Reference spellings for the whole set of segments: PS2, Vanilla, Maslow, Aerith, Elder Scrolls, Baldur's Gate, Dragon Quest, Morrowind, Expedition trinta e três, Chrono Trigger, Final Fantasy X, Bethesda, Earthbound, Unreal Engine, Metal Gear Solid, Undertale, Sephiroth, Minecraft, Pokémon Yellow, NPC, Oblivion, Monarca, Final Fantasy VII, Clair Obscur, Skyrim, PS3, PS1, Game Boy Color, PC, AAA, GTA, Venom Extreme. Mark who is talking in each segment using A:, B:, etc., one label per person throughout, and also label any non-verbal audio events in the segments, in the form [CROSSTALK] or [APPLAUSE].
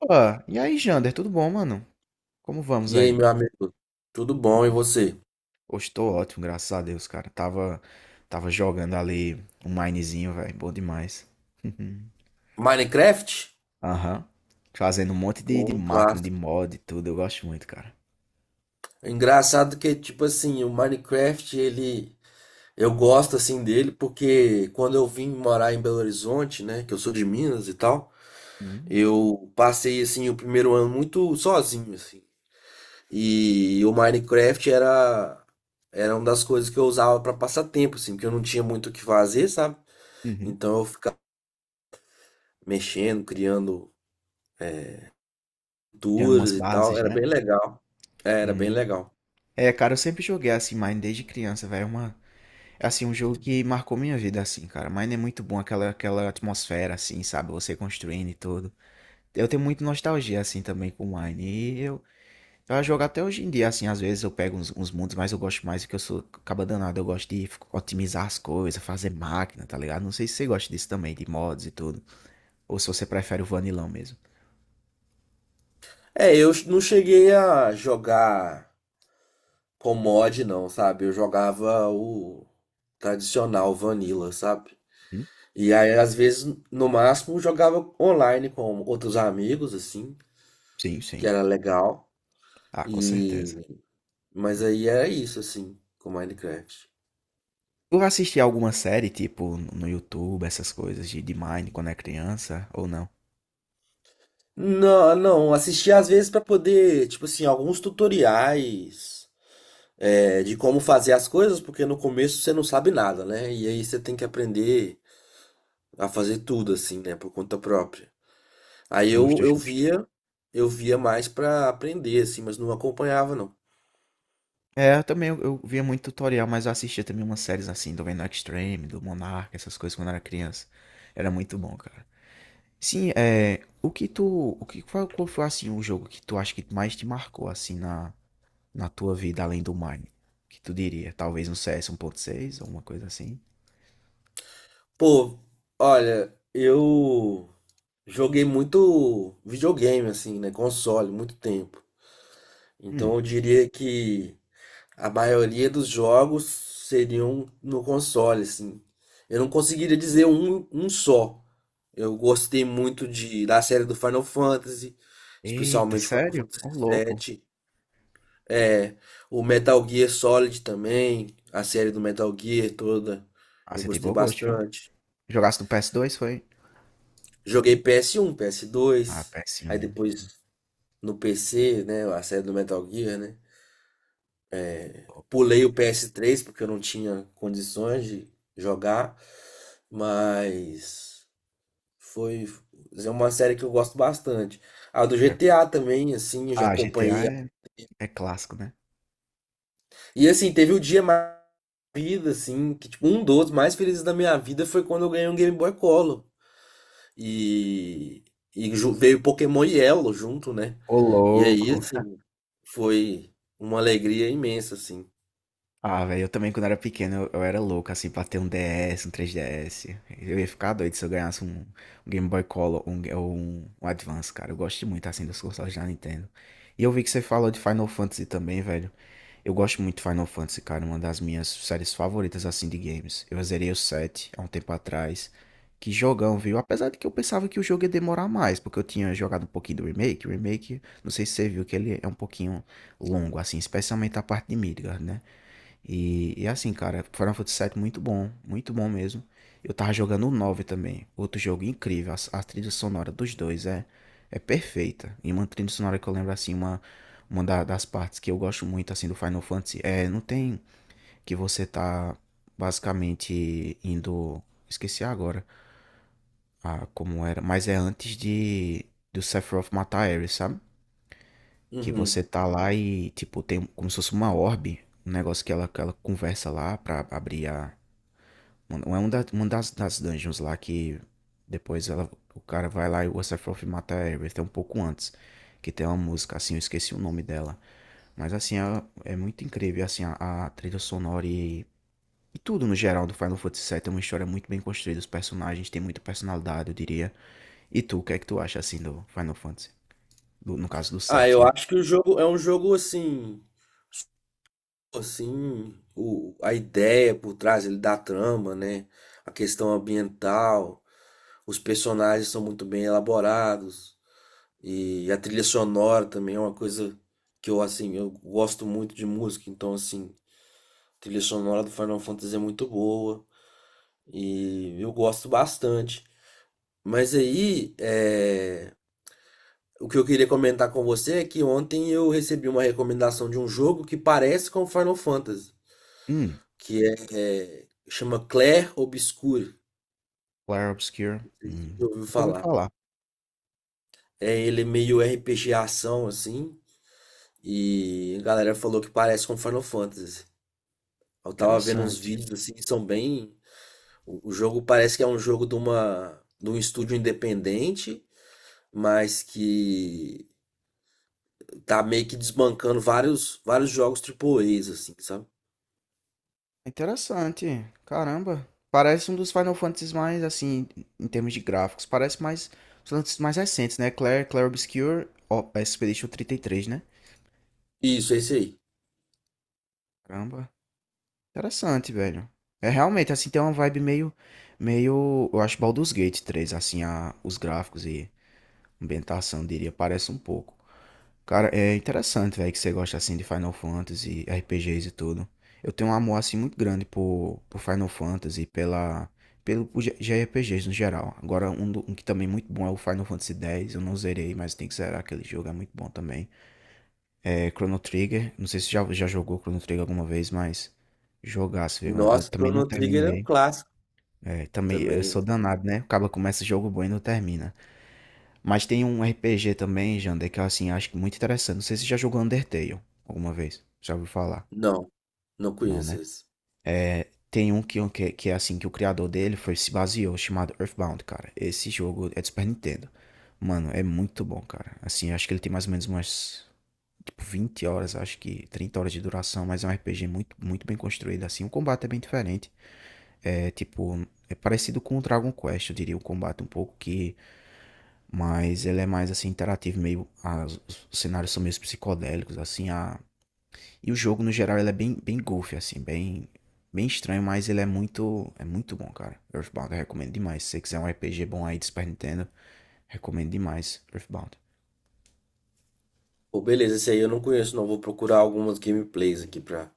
A: Opa! E aí, Jander, tudo bom, mano? Como vamos
B: E aí,
A: aí?
B: meu amigo? Tudo bom? E você?
A: Hoje tô ótimo, graças a Deus, cara. Tava jogando ali um minezinho, velho. Bom demais. [LAUGHS]
B: Minecraft?
A: Aham. Fazendo um monte de
B: Bom,
A: máquina,
B: claro.
A: de mod e tudo. Eu gosto muito, cara.
B: Engraçado que, tipo assim, o Minecraft, ele... Eu gosto, assim, dele porque quando eu vim morar em Belo Horizonte, né? Que eu sou de Minas e tal.
A: Hum.
B: Eu passei, assim, o primeiro ano muito sozinho, assim. E o Minecraft era... Era uma das coisas que eu usava para passar tempo, assim. Porque eu não tinha muito o que fazer, sabe?
A: Uhum.
B: Então eu ficava mexendo, criando
A: Criando umas
B: culturas e tal.
A: bases,
B: Era
A: né?
B: bem legal. É, era bem
A: Hum.
B: legal.
A: É, cara, eu sempre joguei assim Mine desde criança, velho. É assim, um jogo que marcou minha vida assim, cara. Mine é muito bom, aquela atmosfera assim, sabe? Você construindo e tudo. Eu tenho muita nostalgia assim também com Mine. Eu jogo até hoje em dia, assim, às vezes eu pego uns mundos, mas eu gosto mais porque eu sou caba danado, eu gosto de otimizar as coisas, fazer máquina, tá ligado? Não sei se você gosta disso também, de mods e tudo, ou se você prefere o vanilão mesmo.
B: É, eu não cheguei a jogar com mod, não, sabe? Eu jogava o tradicional Vanilla, sabe?
A: Hum?
B: E aí, às vezes, no máximo, jogava online com outros amigos, assim,
A: Sim,
B: que
A: sim.
B: era legal.
A: Ah, com certeza.
B: E... Mas aí era isso, assim, com Minecraft.
A: Tu assistia alguma série, tipo, no YouTube, essas coisas de Mine quando é criança, ou não?
B: Não, não, assistia às vezes pra poder, tipo assim, alguns tutoriais é, de como fazer as coisas, porque no começo você não sabe nada, né? E aí você tem que aprender a fazer tudo assim, né, por conta própria. Aí eu,
A: Justo,
B: eu
A: justo.
B: via, eu via mais pra aprender assim, mas não acompanhava não.
A: É, eu também, eu via muito tutorial, mas eu assistia também umas séries assim, do Venom Extreme, do Monarca, essas coisas quando eu era criança. Era muito bom, cara. Sim, é. O que tu. Qual foi assim um jogo que tu acha que mais te marcou assim na tua vida, além do Mine? Que tu diria? Talvez um CS 1.6 ou uma coisa assim?
B: Pô, olha, eu joguei muito videogame assim, né, console, muito tempo. Então
A: Hum.
B: eu diria que a maioria dos jogos seriam no console assim. Eu não conseguiria dizer um só. Eu gostei muito de da série do Final Fantasy,
A: Eita,
B: especialmente Final
A: sério?
B: Fantasy
A: Ô, louco.
B: 7. É, o Metal Gear Solid também, a série do Metal Gear toda,
A: Ah,
B: eu
A: você tem
B: gostei
A: bom gosto, viu?
B: bastante.
A: Jogasse no PS2 foi?
B: Joguei PS1,
A: Ah,
B: PS2,
A: ps
B: aí
A: um
B: depois no PC, né, a série do Metal Gear, né?
A: Louco, velho.
B: Pulei o PS3 porque eu não tinha condições de jogar, mas foi é uma série que eu gosto bastante. A do
A: É.
B: GTA também, assim, eu já
A: Ah, GTA
B: acompanhei.
A: é clássico, né?
B: E assim, teve o dia mais da minha vida, assim, que tipo, um dos mais felizes da minha vida foi quando eu ganhei um Game Boy Color. E, veio Pokémon Yellow junto, né?
A: Ô,
B: E aí,
A: louco.
B: assim, foi uma alegria imensa, assim.
A: Ah, velho, eu também quando era pequeno eu era louco, assim, pra ter um DS, um 3DS. Eu ia ficar doido se eu ganhasse um Game Boy Color ou um Advance, cara. Eu gosto muito, assim, dos consoles da Nintendo. E eu vi que você falou de Final Fantasy também, velho. Eu gosto muito de Final Fantasy, cara, uma das minhas séries favoritas, assim, de games. Eu zerei o 7 há um tempo atrás. Que jogão, viu? Apesar de que eu pensava que o jogo ia demorar mais, porque eu tinha jogado um pouquinho do remake. O remake, não sei se você viu, que ele é um pouquinho longo, assim, especialmente a parte de Midgard, né? E assim, cara, Final Fantasy VII muito bom mesmo. Eu tava jogando o 9 também, outro jogo incrível. A trilha sonora dos dois é perfeita. E uma trilha sonora que eu lembro assim, uma das partes que eu gosto muito assim do Final Fantasy é, não tem que você tá basicamente indo, esqueci agora, ah, como era, mas é antes de do Sephiroth matar a Ares, sabe? Que você
B: Uhum.
A: tá lá e, tipo, tem como se fosse uma orbe, um negócio que ela conversa lá pra abrir. Mano, é uma das dungeons lá que depois o cara vai lá e o Sephiroth mata a Aerith, é um pouco antes. Que tem uma música, assim, eu esqueci o nome dela. Mas assim, é muito incrível, assim, a trilha sonora e tudo no geral do Final Fantasy VII. É uma história muito bem construída, os personagens têm muita personalidade, eu diria. E tu, o que é que tu acha, assim, do Final Fantasy? No caso do
B: Ah,
A: 7,
B: eu
A: né?
B: acho que o jogo é um jogo assim, assim, o, a ideia por trás ele da trama, né? A questão ambiental, os personagens são muito bem elaborados. E a trilha sonora também é uma coisa que eu, assim, eu gosto muito de música, então, assim, a trilha sonora do Final Fantasy é muito boa e eu gosto bastante. Mas aí, é, o que eu queria comentar com você é que ontem eu recebi uma recomendação de um jogo que parece com Final Fantasy,
A: Hum.
B: que é, é, chama Clair Obscur.
A: Clair Obscur,
B: Não sei se você já ouviu
A: nunca ouvi
B: falar.
A: falar.
B: É, ele é meio RPG ação, assim, e a galera falou que parece com Final Fantasy. Eu tava vendo uns
A: Interessante.
B: vídeos assim, que são bem. O jogo parece que é um jogo de uma, de um estúdio independente, mas que tá meio que desbancando vários jogos AAAs, assim, sabe?
A: Interessante. Caramba. Parece um dos Final Fantasies mais, assim, em termos de gráficos. Parece mais. Os Final Fantasies mais recentes, né? Clair Obscur, ó, Expedition 33, né?
B: Isso, é esse aí.
A: Caramba. Interessante, velho. É realmente, assim, tem uma vibe meio. Eu acho Baldur's Gate 3 assim, os gráficos e ambientação, diria. Parece um pouco. Cara, é interessante, velho, que você gosta assim de Final Fantasy, RPGs e tudo. Eu tenho um amor assim muito grande por Final Fantasy, pela pelo por G- JRPGs no geral. Agora um que também é muito bom é o Final Fantasy X, eu não zerei, mas tem que zerar aquele jogo, é muito bom também. É Chrono Trigger, não sei se já jogou Chrono Trigger alguma vez, mas jogasse, viu? Eu
B: Nossa,
A: também não
B: Chrono Trigger é um
A: terminei.
B: clássico
A: É, também eu
B: também.
A: sou danado, né? Acaba começa jogo bom e não termina. Mas tem um RPG também, Jander, que eu assim, acho que muito interessante. Não sei se você já jogou Undertale alguma vez. Já ouviu falar?
B: Não, não
A: Não,
B: conheço
A: né?
B: esse.
A: É, tem um que é assim, que o criador dele foi, se baseou, chamado Earthbound, cara. Esse jogo é de Super Nintendo. Mano, é muito bom, cara. Assim, eu acho que ele tem mais ou menos umas, tipo, 20 horas, acho que 30 horas de duração, mas é um RPG muito, muito bem construído, assim. O combate é bem diferente. É, tipo, é parecido com o Dragon Quest, eu diria, o combate um pouco que mas ele é mais assim interativo, os cenários são meio psicodélicos, assim, a e o jogo no geral ele é bem goofy assim, bem estranho, mas ele é muito bom, cara. Earthbound eu recomendo demais. Se você quiser um RPG bom aí de Super Nintendo, recomendo demais Earthbound.
B: Pô, beleza, esse aí eu não conheço, não. Vou procurar algumas gameplays aqui pra,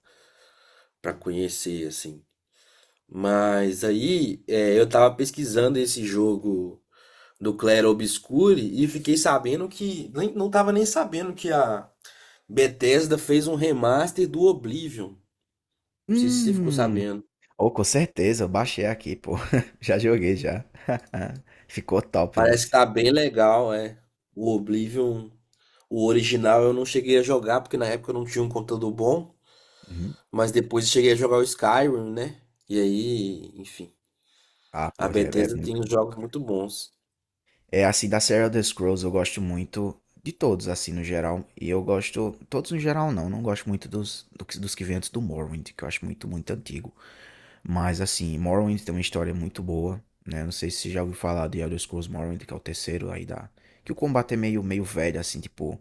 B: pra conhecer, assim. Mas aí, é, eu tava pesquisando esse jogo do Clair Obscure e fiquei sabendo que nem, não tava nem sabendo que a Bethesda fez um remaster do Oblivion. Não sei se você ficou
A: Hum,
B: sabendo.
A: oh, com certeza, eu baixei aqui, pô. [LAUGHS] Já joguei já. [LAUGHS] Ficou top,
B: Parece que
A: esse.
B: tá bem legal, é. O Oblivion, o original eu não cheguei a jogar porque na época eu não tinha um computador bom,
A: Uhum.
B: mas depois eu cheguei a jogar o Skyrim, né? E aí, enfim,
A: Ah,
B: a
A: pô, é
B: Bethesda
A: muito
B: tem uns
A: bom.
B: jogos muito bons.
A: É, assim, da série Elder Scrolls eu gosto muito de todos, assim, no geral. E eu gosto. Todos no geral não, não gosto muito dos que vêm antes do Morrowind, que eu acho muito, muito antigo. Mas assim, Morrowind tem uma história muito boa, né? Não sei se você já ouviu falar de Elder Scrolls Morrowind, que é o terceiro aí da... Que o combate é meio velho, assim, tipo...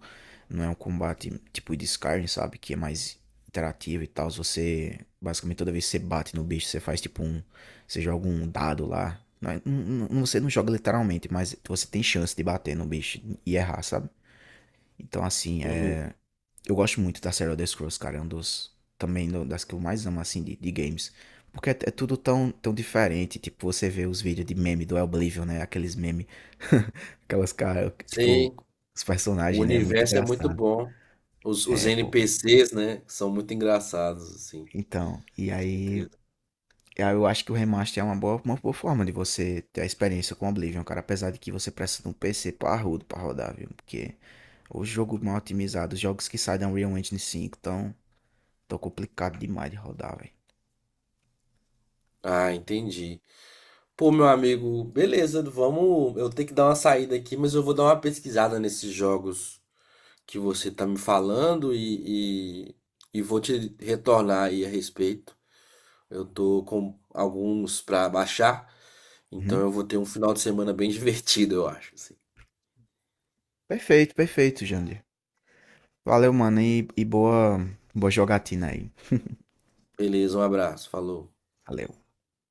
A: Não é um combate tipo de Skyrim, sabe? Que é mais interativo e tal. Você, basicamente, toda vez que você bate no bicho, você faz tipo um... Você joga um dado lá. Não, você não joga literalmente, mas você tem chance de bater no bicho e errar, sabe? Então, assim,
B: Uhum.
A: eu gosto muito da série Elder Scrolls, cara. É um dos. Também das que eu mais amo, assim, de games. Porque é tudo tão, tão diferente. Tipo, você vê os vídeos de meme do Oblivion, né? Aqueles meme. [LAUGHS] Aquelas caras. Tipo,
B: Sim,
A: os
B: o
A: personagens, né? Muito
B: universo é muito
A: engraçado.
B: bom. Os
A: É, pô.
B: NPCs, né, são muito engraçados, assim,
A: Então. E
B: com
A: aí.
B: certeza.
A: aí eu acho que o remaster é uma boa forma de você ter a experiência com Oblivion, cara. Apesar de que você precisa de um PC parrudo pra rodar, viu? Porque o jogo mal otimizado, os jogos que saem da Unreal Engine 5 tão tão complicado demais de rodar, velho.
B: Ah, entendi. Pô, meu amigo, beleza, vamos. Eu tenho que dar uma saída aqui, mas eu vou dar uma pesquisada nesses jogos que você tá me falando e vou te retornar aí a respeito. Eu tô com alguns pra baixar, então
A: Uhum.
B: eu vou ter um final de semana bem [LAUGHS] divertido, eu acho, assim.
A: Perfeito, perfeito, Jandir. Valeu, mano, e boa, boa jogatina aí.
B: Beleza, um abraço, falou.
A: Valeu.